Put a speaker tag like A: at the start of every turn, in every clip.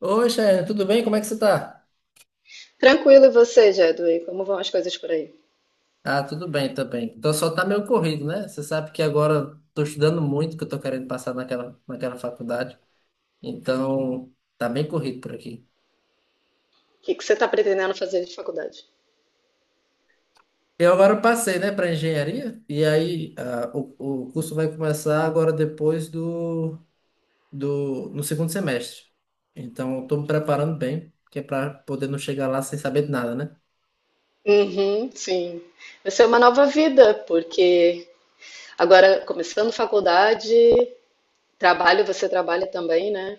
A: Oi, Chayane, tudo bem? Como é que você tá?
B: Tranquilo, e você, Jedway? Como vão as coisas por aí?
A: Ah, tudo bem também. Então só tá meio corrido, né? Você sabe que agora eu tô estudando muito, que eu tô querendo passar naquela faculdade. Então, tá bem corrido por aqui.
B: O que que você está pretendendo fazer de faculdade?
A: Eu agora passei, né, para engenharia, e aí o curso vai começar agora depois do, do no segundo semestre. Então, eu tô me preparando bem, que é para poder não chegar lá sem saber de nada, né?
B: Uhum, sim. Vai ser uma nova vida, porque agora começando faculdade, trabalho, você trabalha também, né?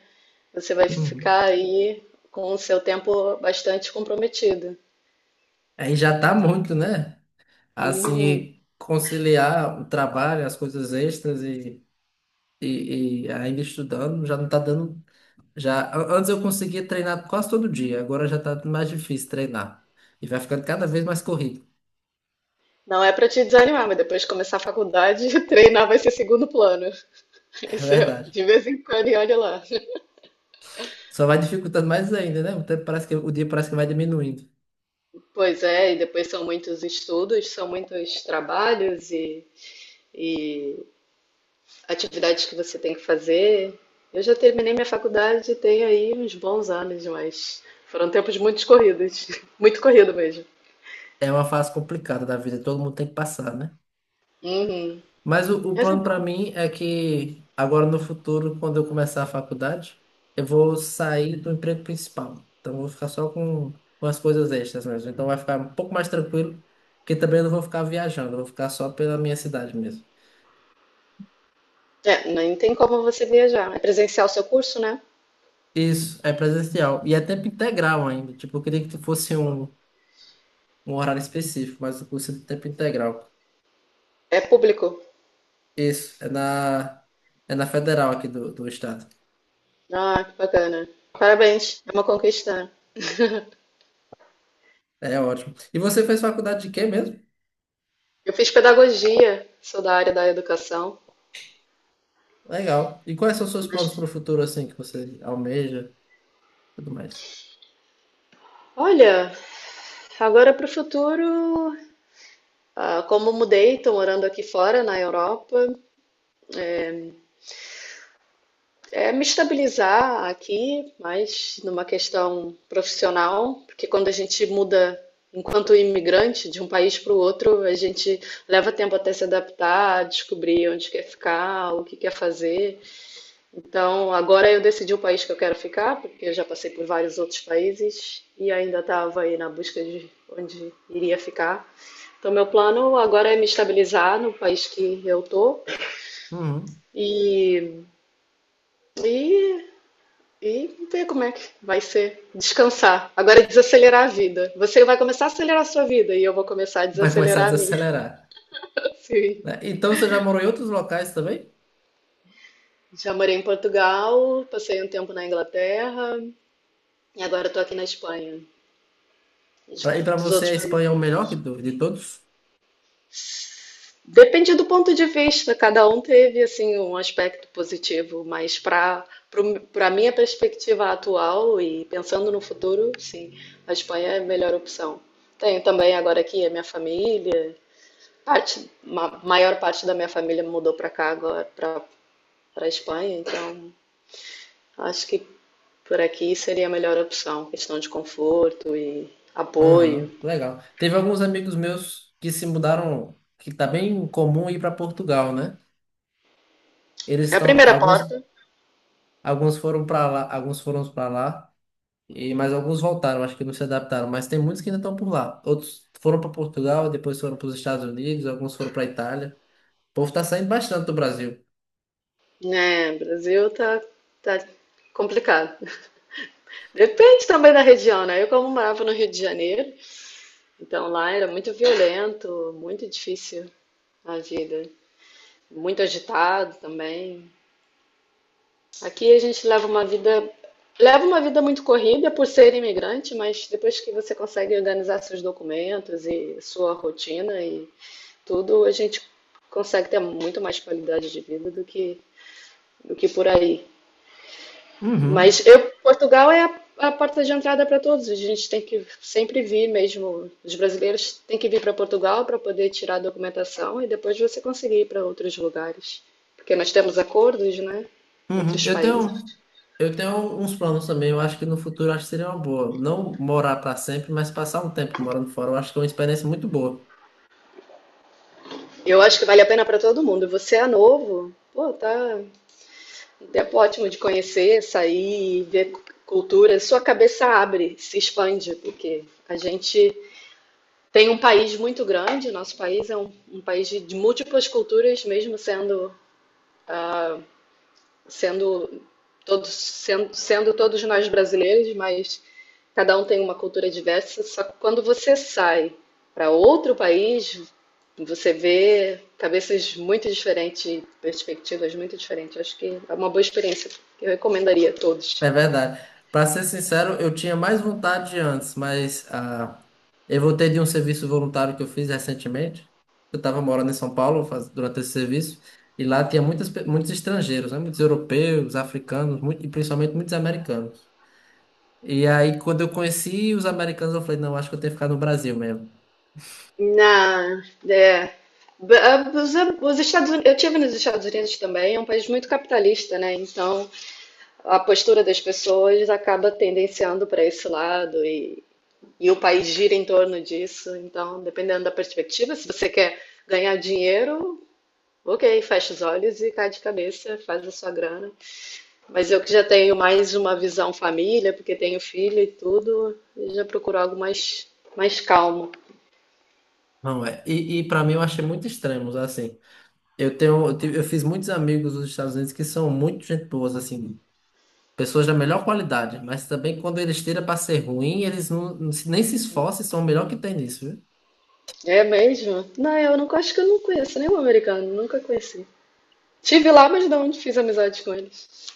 B: Você vai
A: Uhum.
B: ficar aí com o seu tempo bastante comprometido.
A: Aí já tá muito, né?
B: Uhum.
A: Assim, conciliar o trabalho, as coisas extras e ainda estudando, já não tá dando. Já, antes eu conseguia treinar quase todo dia, agora já tá mais difícil treinar. E vai ficando cada vez mais corrido.
B: Não é para te desanimar, mas depois de começar a faculdade, treinar vai ser segundo plano.
A: É
B: Isso é
A: verdade.
B: de vez em quando e olha lá.
A: Só vai dificultando mais ainda, né? O dia parece que vai diminuindo.
B: Pois é, e depois são muitos estudos, são muitos trabalhos e atividades que você tem que fazer. Eu já terminei minha faculdade e tenho aí uns bons anos, mas foram tempos muito corridos, muito corrido mesmo.
A: É uma fase complicada da vida, todo mundo tem que passar, né?
B: Uhum.
A: Mas o
B: Mas é
A: plano para
B: bom.
A: mim é que agora no futuro, quando eu começar a faculdade, eu vou sair do emprego principal. Então eu vou ficar só com as coisas extras mesmo. Então vai ficar um pouco mais tranquilo, porque também eu não vou ficar viajando, eu vou ficar só pela minha cidade mesmo.
B: É, nem tem como você viajar. É presencial o seu curso, né?
A: Isso, é presencial. E é tempo integral ainda. Tipo, eu queria que fosse um horário específico, mas o curso é de tempo integral.
B: É público.
A: Isso, é na federal aqui do estado.
B: Ah, que bacana. Parabéns, é uma conquista, né?
A: É ótimo. E você fez faculdade de quê mesmo?
B: Eu fiz pedagogia, sou da área da educação,
A: Legal. E quais são os seus
B: mas
A: planos para o futuro, assim, que você almeja, tudo mais?
B: olha, agora para o futuro, como mudei, estou morando aqui fora, na Europa. É me estabilizar aqui, mas numa questão profissional, porque quando a gente muda enquanto imigrante de um país para o outro, a gente leva tempo até se adaptar, descobrir onde quer ficar, o que quer fazer. Então, agora eu decidi o país que eu quero ficar, porque eu já passei por vários outros países e ainda estava aí na busca de onde iria ficar. Então, meu plano agora é me estabilizar no país que eu tô
A: Uhum.
B: e, e E ver como é que vai ser. Descansar. Agora é desacelerar a vida. Você vai começar a acelerar a sua vida e eu vou começar a
A: Vai começar a
B: desacelerar a minha.
A: desacelerar,
B: Sim.
A: né? Então você já morou em outros locais também?
B: Já morei em Portugal, passei um tempo na Inglaterra e agora estou aqui na Espanha.
A: E para
B: Dos
A: você
B: outros
A: a Espanha
B: países.
A: é o melhor de todos?
B: Depende do ponto de vista, cada um teve assim um aspecto positivo, mas para minha perspectiva atual e pensando no futuro, sim, a Espanha é a melhor opção. Tenho também agora aqui a minha família. Maior parte da minha família mudou para cá agora, para Espanha, então acho que por aqui seria a melhor opção, questão de conforto e
A: Aham,
B: apoio.
A: legal. Teve alguns amigos meus que se mudaram, que tá bem comum ir para Portugal, né? Eles
B: É a
A: estão,
B: primeira
A: alguns,
B: porta,
A: alguns foram para lá, alguns foram para lá, e mas alguns voltaram, acho que não se adaptaram. Mas tem muitos que ainda estão por lá. Outros foram para Portugal, depois foram para os Estados Unidos, alguns foram para Itália. O povo tá saindo bastante do Brasil.
B: né? Brasil tá complicado. Depende também da região, né? Eu como morava no Rio de Janeiro, então lá era muito violento, muito difícil a vida, muito agitado também. Aqui a gente leva uma vida muito corrida por ser imigrante, mas depois que você consegue organizar seus documentos e sua rotina e tudo, a gente consegue ter muito mais qualidade de vida do que por aí.
A: Uhum,
B: Mas eu, Portugal é a porta de entrada para todos. A gente tem que sempre vir mesmo. Os brasileiros têm que vir para Portugal para poder tirar a documentação e depois você conseguir ir para outros lugares. Porque nós temos acordos, né, entre
A: uhum.
B: os
A: Eu tenho.
B: países.
A: Eu tenho uns planos também, eu acho que no futuro acho que seria uma boa. Não morar para sempre, mas passar um tempo morando fora, eu acho que é uma experiência muito boa.
B: Eu acho que vale a pena para todo mundo. Você é novo, pô, tá um tempo ótimo de conhecer, sair, ver cultura. Sua cabeça abre, se expande, porque a gente tem um país muito grande. Nosso país é um país de múltiplas culturas, mesmo sendo ah, sendo todos sendo, sendo todos nós brasileiros. Mas cada um tem uma cultura diversa, só que quando você sai para outro país, você vê cabeças muito diferentes, perspectivas muito diferentes. Acho que é uma boa experiência que eu recomendaria a
A: É
B: todos.
A: verdade. Para ser sincero, eu tinha mais vontade de antes, mas eu voltei de um serviço voluntário que eu fiz recentemente. Eu estava morando em São Paulo durante esse serviço, e lá tinha muitos estrangeiros, né? Muitos europeus, africanos, e principalmente muitos americanos. E aí, quando eu conheci os americanos, eu falei, não, acho que eu tenho que ficar no Brasil mesmo.
B: Na, é, b- a- os Estados Unidos, eu tive nos Estados Unidos também, é um país muito capitalista, né? Então a postura das pessoas acaba tendenciando para esse lado e o país gira em torno disso. Então, dependendo da perspectiva, se você quer ganhar dinheiro, ok, fecha os olhos e cai de cabeça, faz a sua grana. Mas eu que já tenho mais uma visão família, porque tenho filho e tudo, eu já procuro algo mais calmo.
A: Não é. E para mim eu achei muito extremos, assim. Eu tenho, eu tive- eu fiz muitos amigos dos Estados Unidos que são muito gente boas, assim, pessoas da melhor qualidade, mas também quando eles tiram para ser ruim, eles não, nem se esforçam, e são o melhor que tem nisso.
B: É mesmo? Não, eu não acho que eu não conheço nenhum americano, nunca conheci. Tive lá, mas não fiz amizade com eles.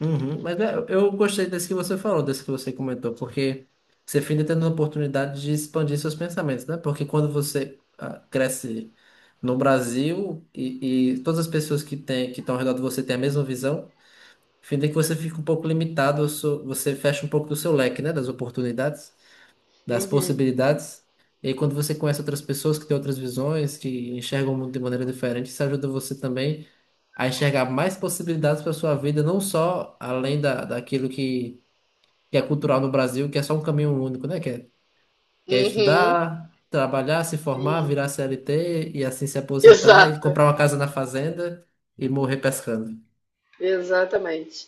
A: Uhum, mas é, eu gostei desse que você falou, desse que você comentou, porque você fica tendo a oportunidade de expandir seus pensamentos, né? Porque quando você cresce no Brasil e todas as pessoas que estão ao redor de você têm a mesma visão, fica que você fica um pouco limitado, você fecha um pouco do seu leque, né? Das oportunidades das possibilidades. E aí, quando você conhece outras pessoas que têm outras visões, que enxergam o mundo de maneira diferente, isso ajuda você também a enxergar mais possibilidades para sua vida, não só além da, daquilo que é cultural no Brasil, que é só um caminho único, né? Que é
B: Uhum,
A: estudar, trabalhar, se formar, virar CLT e assim se aposentar e
B: exato,
A: comprar uma casa na fazenda e morrer pescando.
B: exatamente.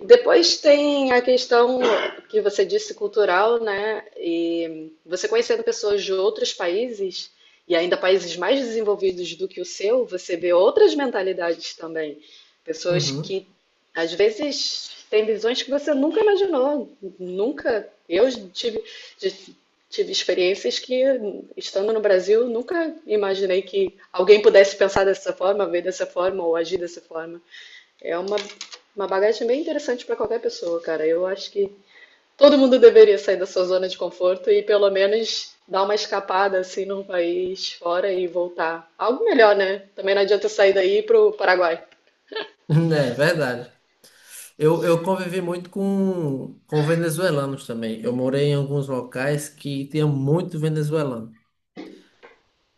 B: Depois tem a questão que você disse cultural, né? E você conhecendo pessoas de outros países e ainda países mais desenvolvidos do que o seu, você vê outras mentalidades também. Pessoas
A: Uhum.
B: que às vezes têm visões que você nunca imaginou, nunca. Eu tive experiências que, estando no Brasil, nunca imaginei que alguém pudesse pensar dessa forma, ver dessa forma ou agir dessa forma. É uma bagagem bem interessante para qualquer pessoa, cara. Eu acho que todo mundo deveria sair da sua zona de conforto e pelo menos dar uma escapada assim num país fora e voltar. Algo melhor, né? Também não adianta eu sair daí pro Paraguai.
A: É verdade. Eu convivi muito com venezuelanos também. Eu morei em alguns locais que tinha muito venezuelano.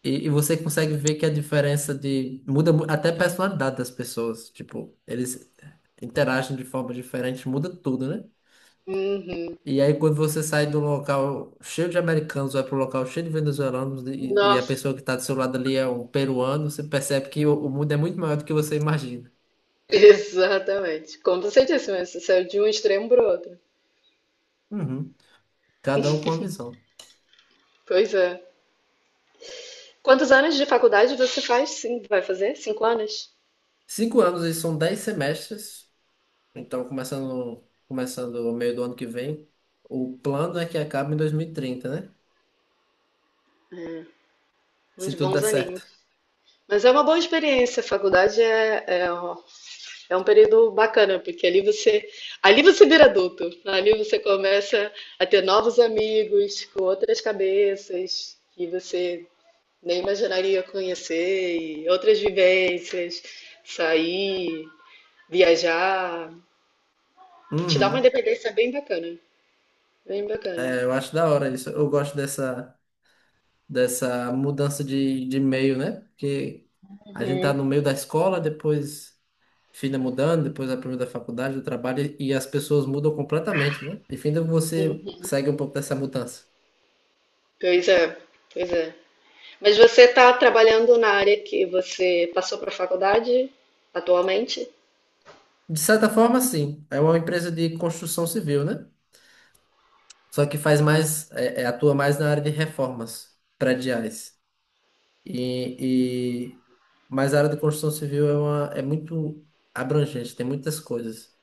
A: E você consegue ver que a diferença de. Até a personalidade das pessoas. Tipo, eles interagem de forma diferente, muda tudo, né?
B: Uhum.
A: E aí quando você sai do local cheio de americanos, vai pro local cheio de venezuelanos e a
B: Nossa,
A: pessoa que está do seu lado ali é um peruano, você percebe que o mundo é muito maior do que você imagina.
B: exatamente. Como você disse, mas você saiu de um extremo pro outro.
A: Uhum. Cada um com uma visão.
B: Pois é. Quantos anos de faculdade você faz? Sim, vai fazer? 5 anos?
A: 5 anos e são 10 semestres. Então, começando o meio do ano que vem, o plano é que acabe em 2030, né? Se
B: Uns
A: tudo
B: bons
A: der certo.
B: aninhos. Mas é uma boa experiência. Faculdade é um período bacana, porque ali você vira adulto, ali você começa a ter novos amigos com outras cabeças que você nem imaginaria conhecer, e outras vivências, sair, viajar, te dá uma
A: Uhum.
B: independência bem bacana, bem bacana.
A: É, eu acho da hora isso. Eu gosto dessa mudança de meio, né? Porque a gente tá no
B: Hum.
A: meio da escola, depois filha mudando, depois a primeira da faculdade, do trabalho, e as pessoas mudam completamente, né? Enfim, você segue um pouco dessa mudança.
B: Pois é, pois é. Mas você está trabalhando na área que você passou para a faculdade atualmente?
A: De certa forma, sim. É uma empresa de construção civil, né? Só que faz mais, atua mais na área de reformas prediais. E mas a área da construção civil é muito abrangente, tem muitas coisas.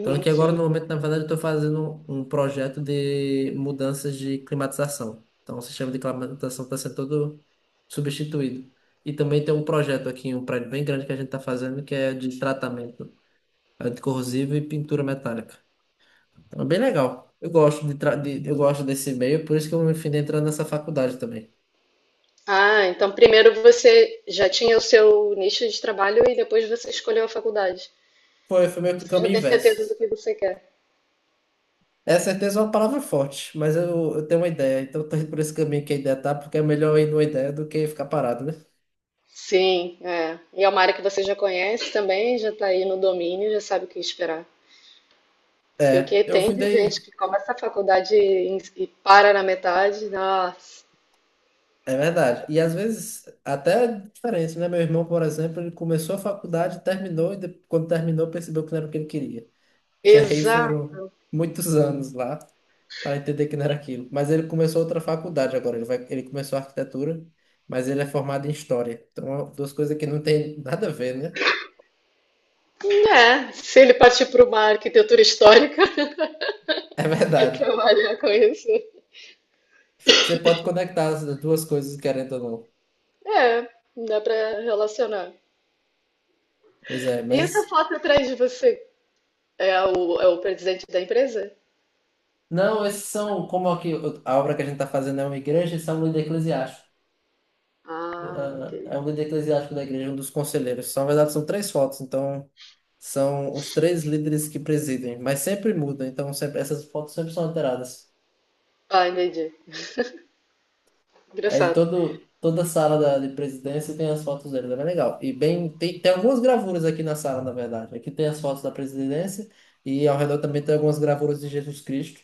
A: Então aqui agora
B: sim.
A: no momento, na verdade, eu estou fazendo um projeto de mudanças de climatização. Então o sistema de climatização está sendo todo substituído. E também tem um projeto aqui, um prédio bem grande que a gente está fazendo, que é de tratamento anticorrosivo e pintura metálica. Então, é bem legal. Eu gosto eu gosto desse meio, por isso que eu me fui entrando nessa faculdade também.
B: Ah, então primeiro você já tinha o seu nicho de trabalho e depois você escolheu a faculdade.
A: Foi meio que o
B: Você já
A: caminho
B: tem
A: inverso.
B: certeza do que você quer.
A: É certeza é uma palavra forte, mas eu tenho uma ideia, então eu tô indo por esse caminho que a ideia tá, porque é melhor ir numa ideia do que ficar parado, né?
B: Sim, é. E é uma área que você já conhece também, já está aí no domínio, já sabe o que esperar. Porque o
A: É,
B: que
A: eu
B: tem de gente
A: findei,
B: que começa a faculdade e para na metade, nossa,
A: é verdade. E às vezes até é diferente, né? Meu irmão, por exemplo, ele começou a faculdade, terminou, quando terminou percebeu que não era o que ele queria. E aí
B: exato.
A: foram muitos anos lá para entender que não era aquilo. Mas ele começou outra faculdade agora, ele começou arquitetura, mas ele é formado em história. Então, duas coisas que não tem nada a ver, né?
B: É, se ele partir para uma arquitetura histórica
A: É verdade.
B: trabalhar com isso,
A: Você pode conectar as duas coisas, querendo ou não.
B: é, dá para relacionar.
A: Pois é,
B: E essa
A: mas
B: foto atrás de você é o presidente da empresa?
A: não, esses são como aqui a obra que a gente está fazendo é uma igreja e são líder eclesiástico.
B: Ah, ok.
A: Ah, é um líder eclesiástico da igreja, um dos conselheiros. São, na verdade, são três fotos, então são os três líderes que presidem, mas sempre muda, então sempre, essas fotos sempre são alteradas.
B: Ah, entendi.
A: Aí
B: Engraçado.
A: todo, toda a sala de presidência tem as fotos deles, é bem legal. E bem, tem algumas gravuras aqui na sala, na verdade. Aqui tem as fotos da presidência e ao redor também tem algumas gravuras de Jesus Cristo,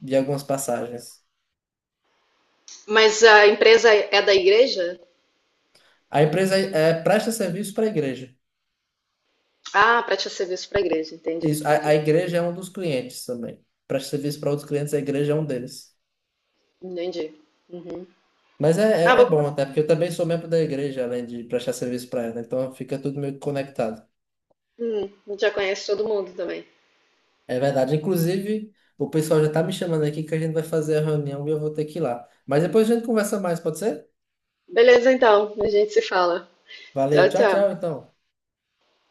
A: de algumas passagens.
B: Mas a empresa é da igreja?
A: A empresa é, presta serviço para a igreja.
B: Ah, presta serviço para a igreja. Entendi,
A: Isso, a
B: entendi.
A: igreja é um dos clientes também. Presta serviço para outros clientes, a igreja é um deles.
B: Entendi. Uhum.
A: Mas
B: Ah,
A: é
B: bom,
A: bom até, porque eu também sou membro da igreja, além de prestar serviço para ela. Então fica tudo meio que conectado.
B: já conhece todo mundo também.
A: É verdade. Inclusive, o pessoal já tá me chamando aqui que a gente vai fazer a reunião e eu vou ter que ir lá. Mas depois a gente conversa mais, pode ser?
B: Beleza, então. A gente se fala.
A: Valeu,
B: Tchau,
A: tchau,
B: tchau.
A: tchau, então.